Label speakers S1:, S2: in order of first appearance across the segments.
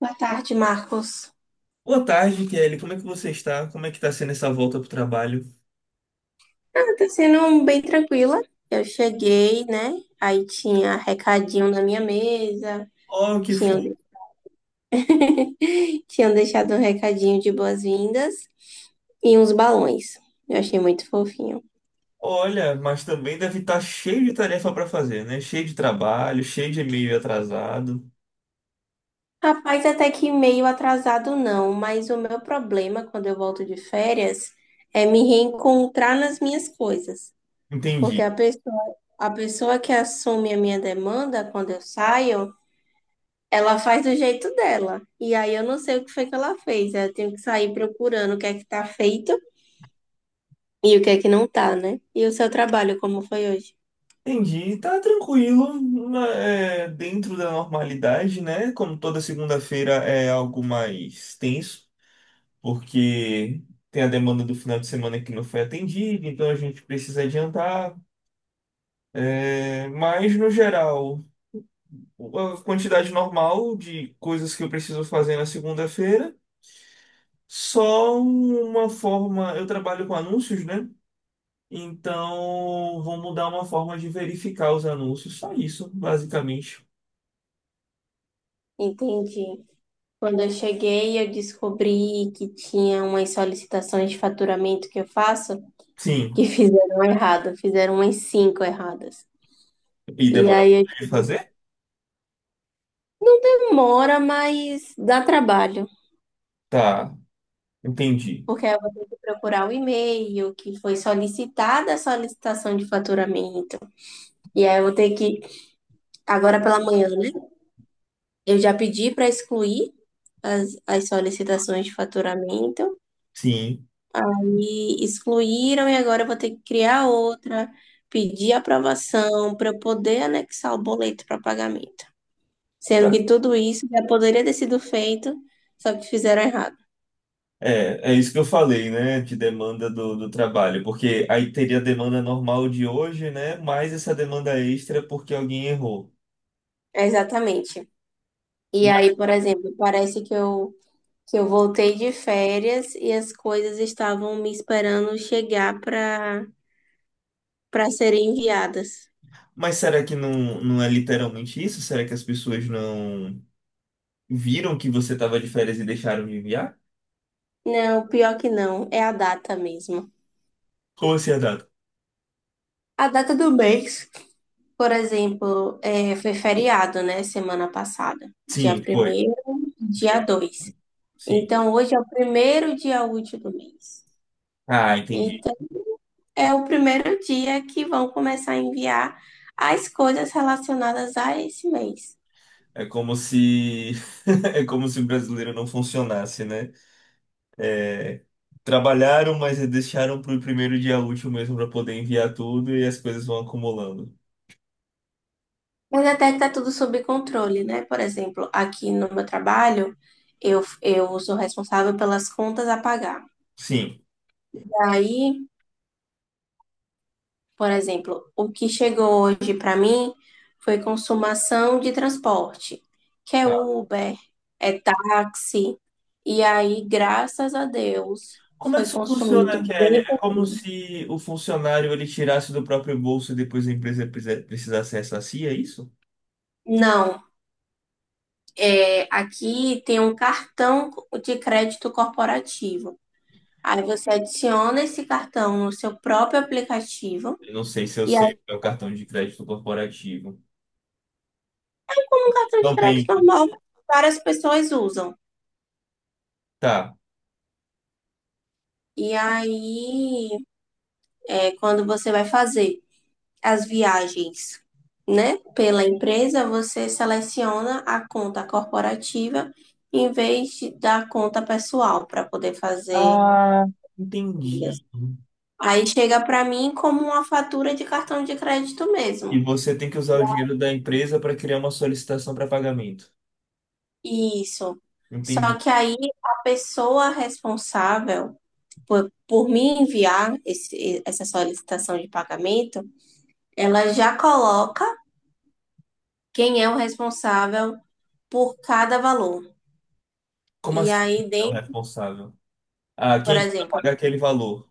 S1: Boa tarde, Marcos.
S2: Boa tarde, Kelly. Como é que você está? Como é que está sendo essa volta pro trabalho?
S1: Ah, tá sendo um bem tranquila. Eu cheguei, né? Aí tinha recadinho na minha mesa,
S2: Oh, que
S1: tinham,
S2: fofo.
S1: tinham deixado um recadinho de boas-vindas e uns balões. Eu achei muito fofinho.
S2: Olha, mas também deve estar cheio de tarefa para fazer, né? Cheio de trabalho, cheio de e-mail atrasado.
S1: Rapaz, até que meio atrasado não, mas o meu problema quando eu volto de férias é me reencontrar nas minhas coisas. Porque
S2: Entendi.
S1: a pessoa que assume a minha demanda quando eu saio. Ela faz do jeito dela. E aí eu não sei o que foi que ela fez. Eu tenho que sair procurando o que é que tá feito e o que é que não tá, né? E o seu trabalho, como foi hoje?
S2: Entendi. Tá tranquilo, é, dentro da normalidade, né? Como toda segunda-feira é algo mais tenso, porque tem a demanda do final de semana que não foi atendida, então a gente precisa adiantar. É, mas no geral, a quantidade normal de coisas que eu preciso fazer na segunda-feira. Só uma forma, eu trabalho com anúncios, né? Então, vou mudar uma forma de verificar os anúncios. Só isso, basicamente.
S1: Entendi. Quando eu cheguei, eu descobri que tinha umas solicitações de faturamento que eu faço que
S2: Sim.
S1: fizeram errado, fizeram umas cinco erradas.
S2: E
S1: E
S2: demora muito
S1: aí eu
S2: de fazer?
S1: Demora, mas dá trabalho.
S2: Tá, entendi.
S1: Porque eu vou ter que procurar o e-mail que foi solicitada a solicitação de faturamento. E aí eu vou ter que Agora pela manhã, né? Eu já pedi para excluir as solicitações de faturamento.
S2: Sim.
S1: Aí excluíram e agora eu vou ter que criar outra, pedir aprovação para eu poder anexar o boleto para pagamento. Sendo
S2: Tá.
S1: que tudo isso já poderia ter sido feito, só que fizeram errado.
S2: É, é isso que eu falei, né? De demanda do trabalho. Porque aí teria a demanda normal de hoje, né? Mais essa demanda extra porque alguém errou.
S1: É, exatamente. E aí, por exemplo, parece que que eu voltei de férias e as coisas estavam me esperando chegar para serem enviadas.
S2: Mas será que não é literalmente isso? Será que as pessoas não viram que você estava de férias e deixaram de enviar?
S1: Não, pior que não, é a data mesmo.
S2: Como assim a data?
S1: A data do mês, por exemplo, foi feriado, né, semana passada, dia
S2: Sim, foi.
S1: primeiro, dia dois.
S2: Sim.
S1: Então, hoje é o primeiro dia útil do mês.
S2: Ah, entendi.
S1: Então, é o primeiro dia que vão começar a enviar as coisas relacionadas a esse mês.
S2: É como se é como se o brasileiro não funcionasse, né? É, trabalharam, mas deixaram para o primeiro dia útil mesmo para poder enviar tudo e as coisas vão acumulando.
S1: Mas até que tá tudo sob controle, né? Por exemplo, aqui no meu trabalho, eu sou responsável pelas contas a pagar.
S2: Sim.
S1: Aí, por exemplo, o que chegou hoje para mim foi consumação de transporte, que é
S2: Tá.
S1: Uber, é táxi. E aí, graças a Deus,
S2: Como é que
S1: foi
S2: isso funciona,
S1: consumido
S2: Kelly?
S1: bem.
S2: É como se o funcionário ele tirasse do próprio bolso e depois a empresa precisasse ressarcir, é isso?
S1: Não, aqui tem um cartão de crédito corporativo. Aí você adiciona esse cartão no seu próprio aplicativo.
S2: Eu não sei se eu
S1: E
S2: sei
S1: aí,
S2: o que é o cartão de crédito corporativo.
S1: é um cartão de
S2: Não
S1: crédito
S2: tem.
S1: normal, várias pessoas usam.
S2: Tá.
S1: E aí, quando você vai fazer as viagens, né, pela empresa, você seleciona a conta corporativa da conta pessoal para poder fazer.
S2: Ah,
S1: Trilhas.
S2: entendi.
S1: Aí chega para mim como uma fatura de cartão de crédito
S2: E
S1: mesmo.
S2: você tem que usar o dinheiro da empresa para criar uma solicitação para pagamento.
S1: Isso. Só
S2: Entendi.
S1: que aí a pessoa responsável por me enviar essa solicitação de pagamento, ela já coloca quem é o responsável por cada valor.
S2: Como
S1: E
S2: assim?
S1: aí,
S2: É o responsável. Ah,
S1: por
S2: quem é que vai
S1: exemplo,
S2: pagar aquele valor?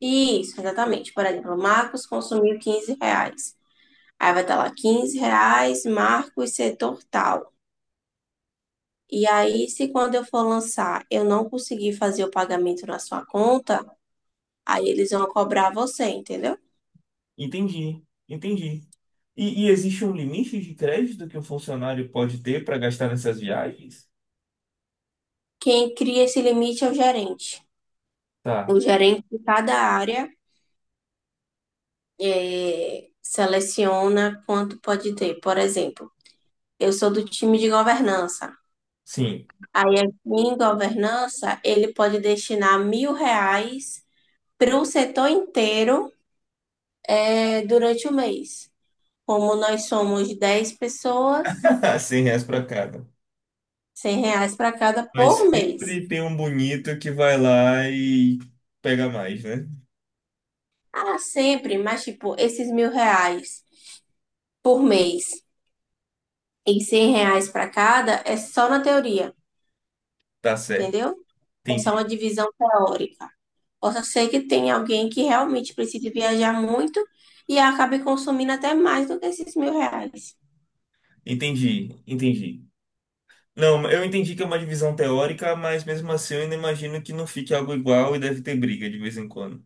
S1: isso, exatamente. Por exemplo, Marcos consumiu R$ 15. Aí vai estar lá, R$ 15, Marcos, setor tal. E aí, se quando eu for lançar, eu não conseguir fazer o pagamento na sua conta, aí eles vão cobrar você, entendeu?
S2: Entendi, entendi. E existe um limite de crédito que o funcionário pode ter para gastar nessas viagens?
S1: Quem cria esse limite é o gerente. O
S2: Tá,
S1: gerente de cada área seleciona quanto pode ter. Por exemplo, eu sou do time de governança.
S2: sim.
S1: Aí, aqui em governança, ele pode destinar R$ 1.000 para o setor inteiro, durante o mês. Como nós somos 10 pessoas,
S2: 100 reais para cada.
S1: R$ 100 para cada
S2: Mas
S1: por mês.
S2: sempre tem um bonito que vai lá e pega mais, né?
S1: Ah, sempre, mas tipo, esses R$ 1.000 por mês e R$ 100 para cada é só na teoria,
S2: Tá certo,
S1: entendeu? É só uma
S2: entendi.
S1: divisão teórica. Possa ser que tenha alguém que realmente precise viajar muito e acabe consumindo até mais do que esses R$ 1.000.
S2: Entendi, entendi. Não, eu entendi que é uma divisão teórica, mas mesmo assim eu ainda imagino que não fique algo igual e deve ter briga de vez em quando.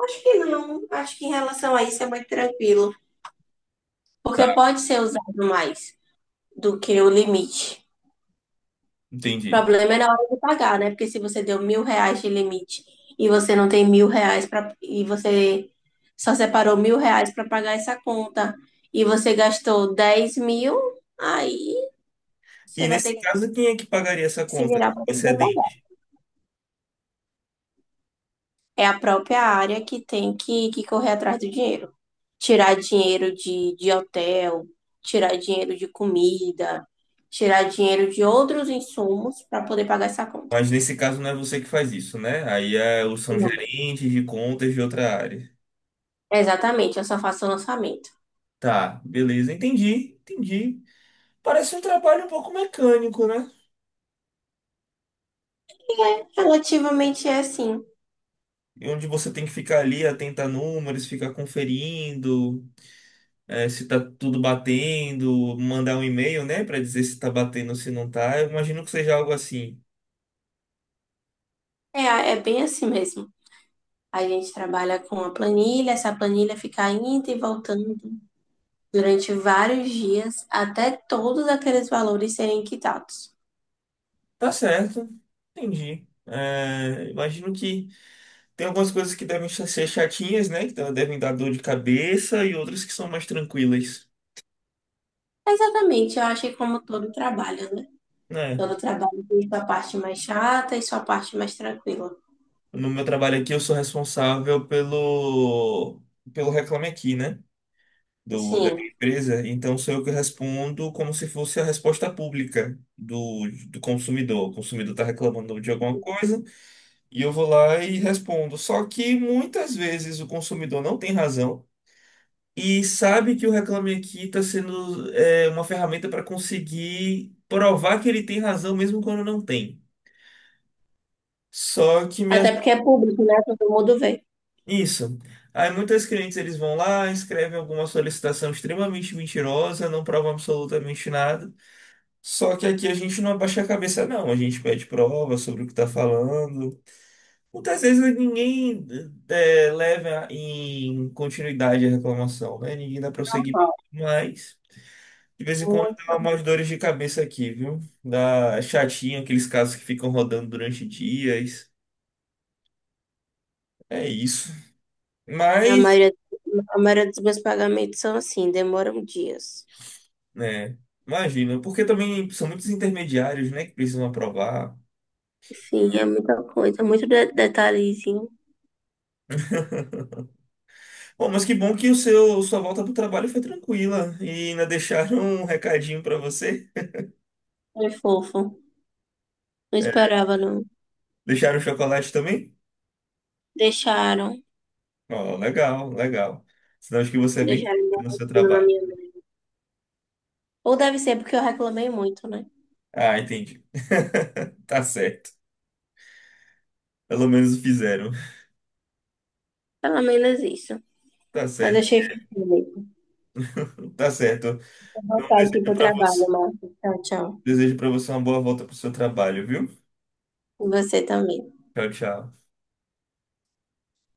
S1: Acho que não. Acho que em relação a isso é muito tranquilo, porque
S2: Tá,
S1: pode ser usado mais do que o limite. O
S2: entendi.
S1: problema é na hora de pagar, né? Porque se você deu R$ 1.000 de limite e você não tem R$ 1.000 para e você só separou R$ 1.000 para pagar essa conta e você gastou 10.000, aí você
S2: E
S1: vai ter
S2: nesse
S1: que
S2: caso, quem é que pagaria essa
S1: se
S2: conta
S1: virar para poder pagar.
S2: excedente?
S1: É a própria área que tem que correr atrás do dinheiro. Tirar dinheiro de hotel, tirar dinheiro de comida, tirar dinheiro de outros insumos para poder pagar essa conta.
S2: Mas nesse caso não é você que faz isso, né? Aí é, são gerentes de contas de outra área.
S1: Exatamente, eu só faço o lançamento.
S2: Tá, beleza, entendi, entendi. Parece um trabalho um pouco mecânico, né?
S1: Relativamente é assim.
S2: E onde você tem que ficar ali atento a números, ficar conferindo. É, se tá tudo batendo, mandar um e-mail, né, pra dizer se tá batendo ou se não tá. Eu imagino que seja algo assim.
S1: É, é bem assim mesmo. A gente trabalha com a planilha, essa planilha fica indo e voltando durante vários dias até todos aqueles valores serem quitados.
S2: Tá certo, entendi. É, imagino que tem algumas coisas que devem ser chatinhas, né, que devem dar dor de cabeça e outras que são mais tranquilas,
S1: Exatamente, eu acho que como todo trabalho, né?
S2: né?
S1: Todo trabalho tem sua parte mais chata e sua parte mais tranquila.
S2: No meu trabalho aqui, eu sou responsável pelo Reclame Aqui, né? Da minha
S1: Sim,
S2: empresa, então sou eu que respondo como se fosse a resposta pública do consumidor. O consumidor está reclamando de alguma coisa, e eu vou lá e respondo. Só que muitas vezes o consumidor não tem razão e sabe que o Reclame Aqui está sendo é, uma ferramenta para conseguir provar que ele tem razão mesmo quando não tem. Só que me
S1: até
S2: ach...
S1: porque é público, né? Todo mundo vê.
S2: isso. Aí muitos clientes eles vão lá, escrevem alguma solicitação extremamente mentirosa, não provam absolutamente nada. Só que aqui a gente não abaixa a cabeça, não. A gente pede prova sobre o que está falando. Muitas vezes ninguém é, leva em continuidade a reclamação, né? Ninguém dá prosseguimento.
S1: Normal,
S2: Mas, de vez em quando,
S1: muito
S2: dá
S1: normal.
S2: umas dores de cabeça aqui, viu? Dá chatinho, aqueles casos que ficam rodando durante dias. É isso.
S1: A
S2: Mas,
S1: maioria, a maioria dos meus pagamentos são assim, demoram dias.
S2: né? Imagina, porque também são muitos intermediários, né, que precisam aprovar.
S1: Sim, é muita coisa, muito detalhezinho.
S2: Bom, mas que bom que sua volta para trabalho foi tranquila e ainda deixaram um recadinho para você.
S1: Foi fofo. Não
S2: É,
S1: esperava, não.
S2: deixaram chocolate também?
S1: Deixaram.
S2: Ó, legal, legal. Sinal acho que você é bem querido
S1: Deixaram
S2: no seu
S1: bonitinho na
S2: trabalho.
S1: minha mão. Ou deve ser porque eu reclamei muito, né?
S2: Ah, entendi. Tá certo. Pelo menos fizeram.
S1: Pelo menos isso.
S2: Tá
S1: Mas
S2: certo.
S1: achei fofo mesmo.
S2: Tá certo.
S1: Vou
S2: Então,
S1: voltar aqui pro trabalho, Marcos. Tchau, tchau.
S2: desejo para você uma boa volta pro seu trabalho, viu?
S1: E você também.
S2: Tchau, tchau.